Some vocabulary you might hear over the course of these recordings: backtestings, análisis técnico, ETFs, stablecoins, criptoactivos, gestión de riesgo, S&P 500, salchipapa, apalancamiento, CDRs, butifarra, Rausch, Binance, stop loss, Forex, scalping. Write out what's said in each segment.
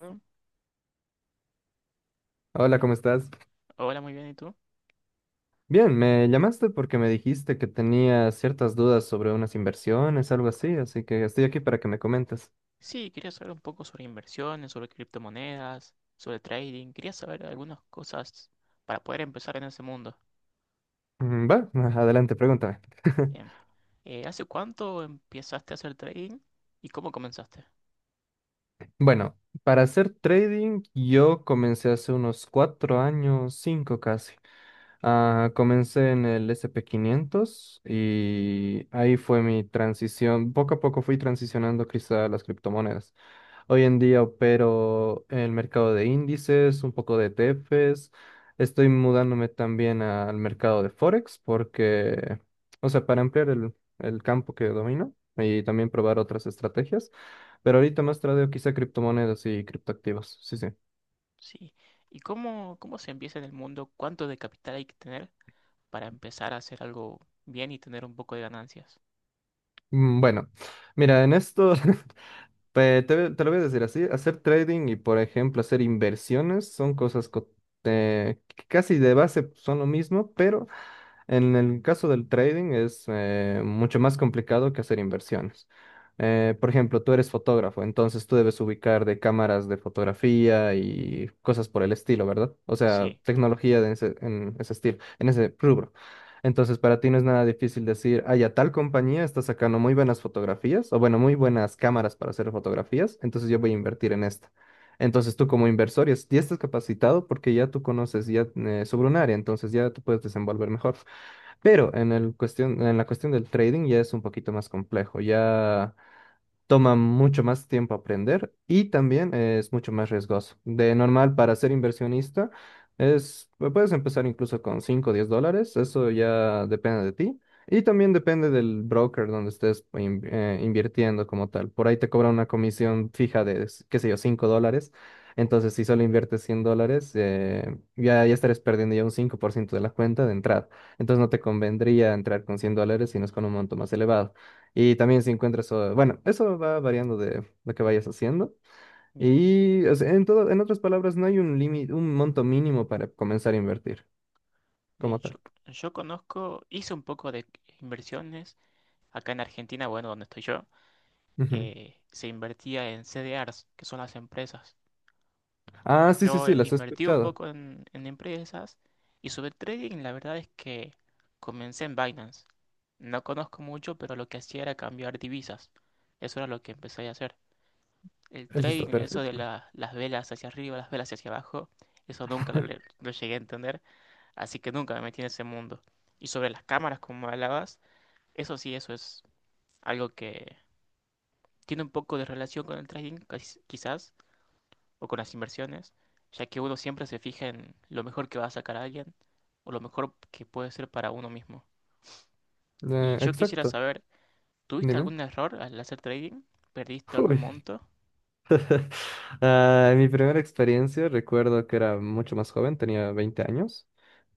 Mm. Hola, ¿cómo estás? Hola, muy bien, ¿y tú? Bien, me llamaste porque me dijiste que tenía ciertas dudas sobre unas inversiones, algo así, así que estoy aquí para que me comentes. Sí, quería saber un poco sobre inversiones, sobre criptomonedas, sobre trading. Quería saber algunas cosas para poder empezar en ese mundo. Va, adelante, pregúntame. Bien. ¿Hace cuánto empezaste a hacer trading y cómo comenzaste? Bueno, para hacer trading yo comencé hace unos 4 años, cinco casi. Ah, comencé en el S&P 500 y ahí fue mi transición. Poco a poco fui transicionando quizá a las criptomonedas. Hoy en día opero en el mercado de índices, un poco de ETFs. Estoy mudándome también al mercado de Forex porque, o sea, para ampliar el campo que domino y también probar otras estrategias. Pero ahorita más tradeo quizá criptomonedas y criptoactivos. Sí, sí. Sí. ¿Y cómo se empieza en el mundo? ¿Cuánto de capital hay que tener para empezar a hacer algo bien y tener un poco de ganancias? Bueno, mira, en esto te lo voy a decir así, hacer trading y, por ejemplo, hacer inversiones son cosas que casi de base son lo mismo, pero en el caso del trading es mucho más complicado que hacer inversiones. Por ejemplo, tú eres fotógrafo, entonces tú debes ubicar de cámaras de fotografía y cosas por el estilo, ¿verdad? O sea, Sí, tecnología en ese estilo, en ese rubro. Entonces, para ti no es nada difícil decir, ay, a tal compañía está sacando muy buenas fotografías, o bueno, muy buenas cámaras para hacer fotografías, entonces yo voy a invertir en esta. Entonces tú como inversor ya, ya estás capacitado porque ya tú conoces ya sobre un área, entonces ya tú puedes desenvolver mejor. Pero en la cuestión del trading ya es un poquito más complejo. Ya toma mucho más tiempo aprender y también es mucho más riesgoso. De normal, para ser inversionista, puedes empezar incluso con cinco o 10 dólares, eso ya depende de ti. Y también depende del broker donde estés invirtiendo como tal. Por ahí te cobra una comisión fija de, qué sé yo, 5 dólares. Entonces, si solo inviertes 100 dólares, ya estarás perdiendo ya un 5% de la cuenta de entrada. Entonces, no te convendría entrar con 100 dólares, sino es con un monto más elevado. Y también si encuentras, bueno, eso va variando de lo que vayas haciendo. bien, Y o sea, en todo, en otras palabras, no hay un límite, un monto mínimo para comenzar a invertir como bien. Yo, tal. yo conozco, hice un poco de inversiones acá en Argentina, bueno, donde estoy yo. Ujú. Se invertía en CDRs, que son las empresas. Ah, sí, sí, Yo sí, las he invertí un escuchado. poco en empresas y sobre trading la verdad es que comencé en Binance. No conozco mucho, pero lo que hacía era cambiar divisas. Eso era lo que empecé a hacer. El Eso está trading, eso de perfecto. Las velas hacia arriba, las velas hacia abajo, eso nunca lo llegué a entender, así que nunca me metí en ese mundo. Y sobre las cámaras, como hablabas, eso sí, eso es algo que tiene un poco de relación con el trading, quizás, o con las inversiones, ya que uno siempre se fija en lo mejor que va a sacar a alguien o lo mejor que puede ser para uno mismo. Y yo quisiera Exacto. saber, ¿tuviste Dime. algún error al hacer trading? ¿Perdiste algún Uy. monto? Ah, mi primera experiencia, recuerdo que era mucho más joven, tenía 20 años,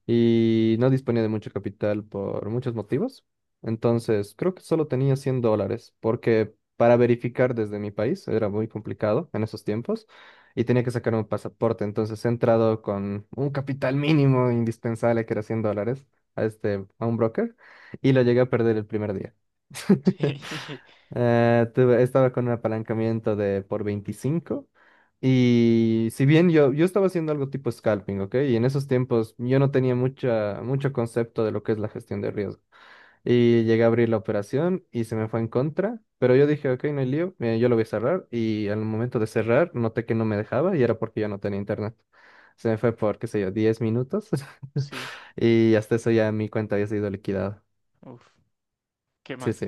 y no disponía de mucho capital por muchos motivos. Entonces, creo que solo tenía 100 dólares, porque para verificar desde mi país era muy complicado en esos tiempos y tenía que sacar un pasaporte. Entonces, he entrado con un capital mínimo indispensable, que era 100 dólares, a este, a un broker y lo llegué a perder el primer día. Sí, Estaba con un apalancamiento de por 25. Y si bien yo estaba haciendo algo tipo scalping, ¿ok? Y en esos tiempos yo no tenía mucho concepto de lo que es la gestión de riesgo. Y llegué a abrir la operación y se me fue en contra, pero yo dije, ok, no hay lío, yo lo voy a cerrar. Y al momento de cerrar, noté que no me dejaba y era porque yo no tenía internet. Se me fue por, qué sé yo, 10 minutos. sí. Y hasta eso ya mi cuenta había sido liquidada. Uf, qué Sí, mal. sí.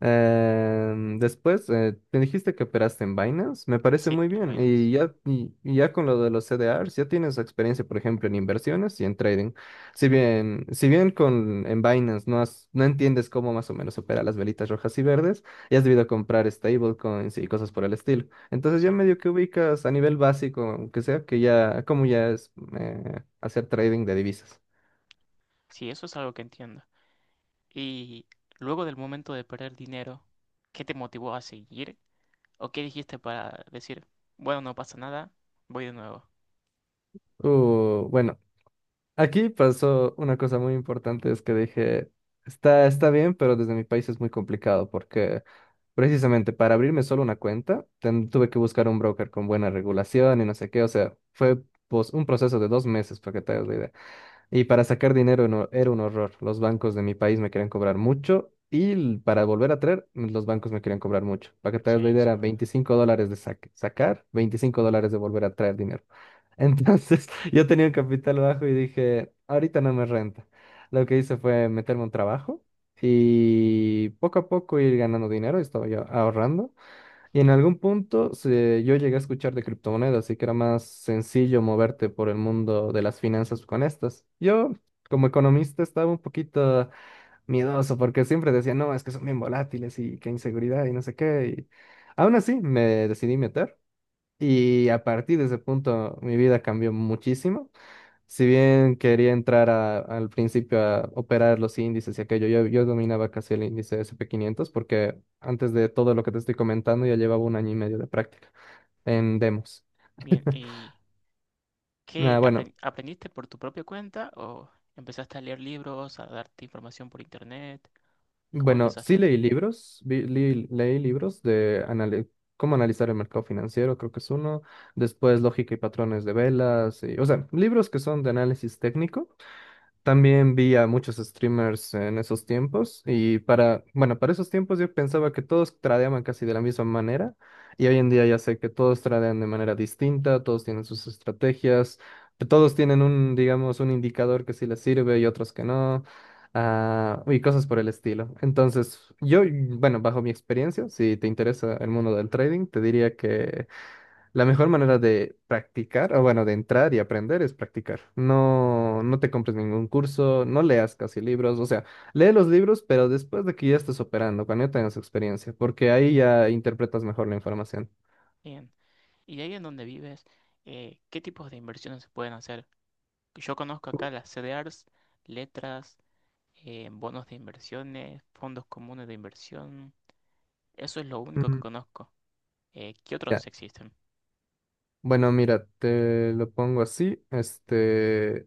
Después, te dijiste que operaste en Binance, me parece Sí, muy en bien. Binance. Y ya con lo de los CDRs, ya tienes experiencia, por ejemplo, en inversiones y en trading. Si Sí, bien, si bien en Binance no, no entiendes cómo más o menos opera las velitas rojas y verdes, ya has debido comprar stablecoins y cosas por el estilo. Entonces ya sí. medio que ubicas a nivel básico, aunque sea que ya, como ya es hacer trading de divisas. Sí, eso es algo que entiendo. Y luego del momento de perder dinero, ¿qué te motivó a seguir? ¿O qué dijiste para decir, bueno, no pasa nada, voy de nuevo? Bueno, aquí pasó una cosa muy importante, es que dije, está bien, pero desde mi país es muy complicado porque precisamente para abrirme solo una cuenta, tuve que buscar un broker con buena regulación y no sé qué, o sea, fue pues, un proceso de 2 meses para que te hagas la idea. Y para sacar dinero era un horror. Los bancos de mi país me querían cobrar mucho y para volver a traer, los bancos me querían cobrar mucho. Para que te Sí, hagas la idea, eso era es verdad. 25 dólares de sacar, 25 dólares de volver a traer dinero. Entonces yo tenía un capital bajo y dije, ahorita no me renta. Lo que hice fue meterme a un trabajo y poco a poco ir ganando dinero, estaba yo ahorrando. Y en algún punto yo llegué a escuchar de criptomonedas, así que era más sencillo moverte por el mundo de las finanzas con estas. Yo, como economista, estaba un poquito miedoso porque siempre decía, no, es que son bien volátiles y qué inseguridad y no sé qué. Y aún así me decidí meter y a partir de ese punto mi vida cambió muchísimo. Si bien quería entrar al principio a operar los índices y aquello, yo dominaba casi el índice S&P 500 porque antes de todo lo que te estoy comentando ya llevaba un año y medio de práctica en demos. Bien, y... Nada, ¿Qué bueno, aprendiste por tu propia cuenta o empezaste a leer libros, a darte información por internet? ¿Cómo bueno, sí empezaste? leí libros, leí libros cómo analizar el mercado financiero, creo que es uno, después lógica y patrones de velas, o sea, libros que son de análisis técnico. También vi a muchos streamers en esos tiempos y para, bueno, para esos tiempos yo pensaba que todos tradeaban casi de la misma manera y hoy en día ya sé que todos tradean de manera distinta, todos tienen sus estrategias, todos tienen un, digamos, un indicador que sí les sirve y otros que no, y cosas por el estilo. Entonces, yo, bueno, bajo mi experiencia, si te interesa el mundo del trading, te diría que la mejor manera de practicar, o bueno, de entrar y aprender es practicar. No, no te compres ningún curso, no leas casi libros, o sea, lee los libros, pero después de que ya estés operando, cuando ya tengas experiencia, porque ahí ya interpretas mejor la información. Bien. Y de ahí en donde vives, ¿qué tipos de inversiones se pueden hacer? Yo conozco acá las CDRs, letras, bonos de inversiones, fondos comunes de inversión. Eso es lo único que Mm, conozco. ¿Qué Ya. otros existen? Bueno, mira, te lo pongo así. Este,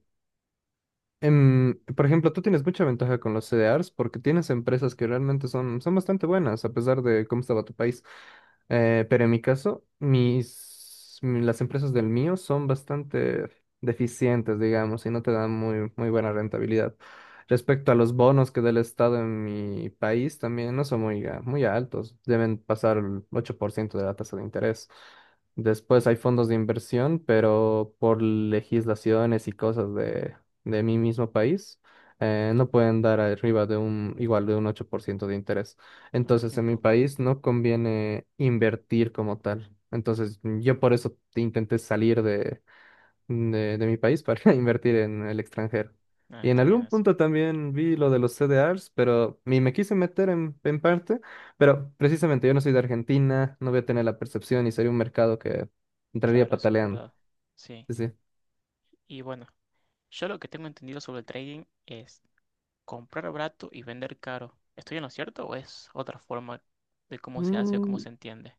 Por ejemplo, tú tienes mucha ventaja con los CDRs porque tienes empresas que realmente son bastante buenas a pesar de cómo estaba tu país. Pero en mi caso, las empresas del mío son bastante deficientes, digamos, y no te dan muy, muy buena rentabilidad. Respecto a los bonos que da el Estado en mi país, también no son muy, muy altos. Deben pasar el 8% de la tasa de interés. Después hay fondos de inversión, pero por legislaciones y cosas de mi mismo país, no pueden dar arriba de un, igual de un 8% de interés. Ah, es Entonces, muy en mi poco. país no conviene invertir como tal. Entonces, yo por eso te intenté salir de, de mi país para invertir en el extranjero. Ah, Y en está bien algún eso. punto también vi lo de los CDRs, pero ni me quise meter en parte, pero precisamente yo no soy de Argentina, no voy a tener la percepción y sería un mercado que entraría Claro, eso es pataleando. verdad. Sí. Sí, sí. Y bueno, yo lo que tengo entendido sobre el trading es comprar barato y vender caro. ¿Estoy en lo cierto o es otra forma de cómo se hace o cómo Mm, se entiende?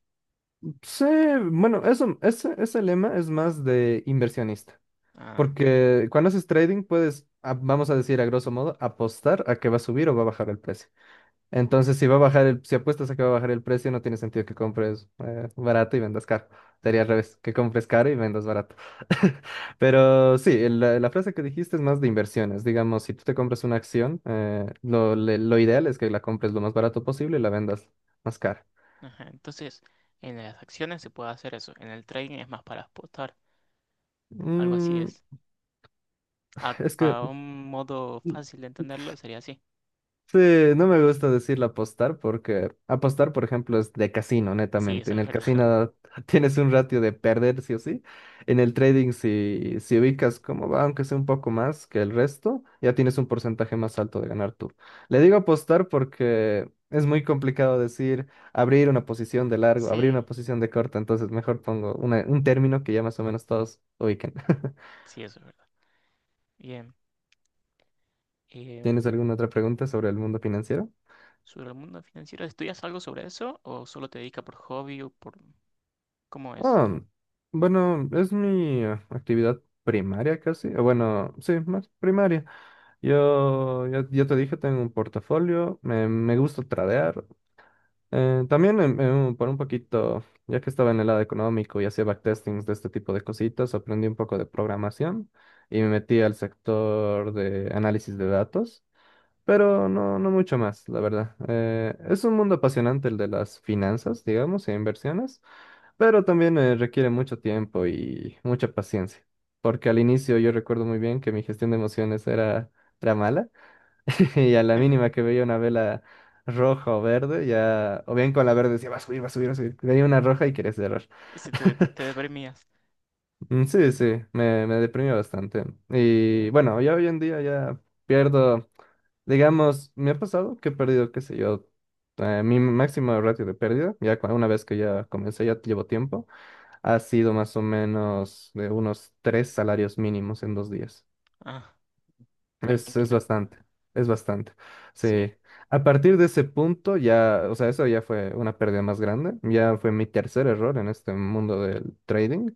Sí, bueno, ese lema es más de inversionista, Ah, porque cuando haces trading puedes, vamos a decir a grosso modo, apostar a que va a subir o va a bajar el precio. Entonces, si va a bajar si apuestas a que va a bajar el precio, no tiene sentido que compres barato y vendas caro. Sería bien. al revés, que compres caro y vendas barato. Pero sí, la frase que dijiste es más de inversiones. Digamos, si tú te compras una acción, lo ideal es que la compres lo más barato posible y la vendas más cara. Ajá. Entonces, en las acciones se puede hacer eso. En el trading es más para apostar. Algo así Mm, es. Es que... A un modo fácil de entenderlo sería así. Sí, no me gusta decirle apostar porque apostar, por ejemplo, es de casino, Sí, netamente. eso En es el verdad. casino tienes un ratio de perder sí o sí. En el trading, si ubicas cómo va, aunque sea un poco más que el resto, ya tienes un porcentaje más alto de ganar tú. Le digo apostar porque es muy complicado decir abrir una posición de largo, abrir Sí, una posición de corta, entonces mejor pongo un término que ya más o menos todos ubiquen. sí, eso es verdad. Bien. ¿Tienes Em, alguna otra pregunta sobre el mundo financiero? sobre el mundo financiero, ¿estudias algo sobre eso o solo te dedicas por hobby o por... ¿Cómo es? Ah, bueno, es mi actividad primaria casi. Bueno, sí, más primaria. Yo ya te dije, tengo un portafolio, me gusta tradear. También por un poquito, ya que estaba en el lado económico y hacía backtestings de este tipo de cositas, aprendí un poco de programación y me metí al sector de análisis de datos, pero no, no mucho más, la verdad. Es un mundo apasionante el de las finanzas, digamos, e inversiones. Pero también requiere mucho tiempo y mucha paciencia, porque al inicio yo recuerdo muy bien que mi gestión de emociones era mala y a la mínima que veía una vela roja o verde, ya, o bien con la verde decía, va a subir, va a subir, va a subir, veía una roja y quería cerrar. Y si te, te deprimías. Sí, sí, me deprimió bastante. Y Bien. bueno, ya hoy en día ya pierdo, digamos, me ha pasado que he perdido, qué sé yo, mi máximo ratio de pérdida, ya una vez que ya comencé, ya llevo tiempo ha sido más o menos de unos 3 salarios mínimos en 2 días. Ah, Es tranquilo. bastante, es bastante. Sí. Sí. A partir de ese punto ya, o sea, eso ya fue una pérdida más grande. Ya fue mi tercer error en este mundo del trading.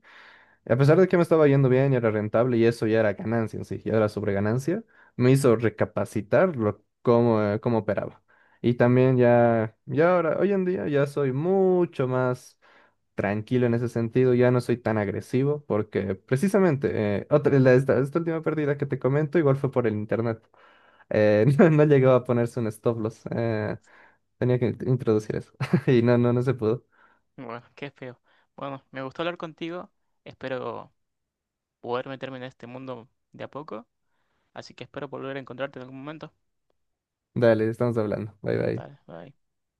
A pesar de que me estaba yendo bien y era rentable y eso ya era ganancia en sí, ya era sobreganancia, me hizo recapacitar lo, cómo, cómo operaba. Y también ya, ya ahora, hoy en día ya soy mucho más tranquilo en ese sentido, ya no soy tan agresivo porque precisamente esta última pérdida que te comento igual fue por el internet. No llegó a ponerse un stop loss. Tenía que introducir eso y no se pudo. Bueno, qué feo. Bueno, me gustó hablar contigo. Espero poder meterme en este mundo de a poco. Así que espero volver a encontrarte en algún momento. Dale, estamos hablando. Bye bye. Dale, bye.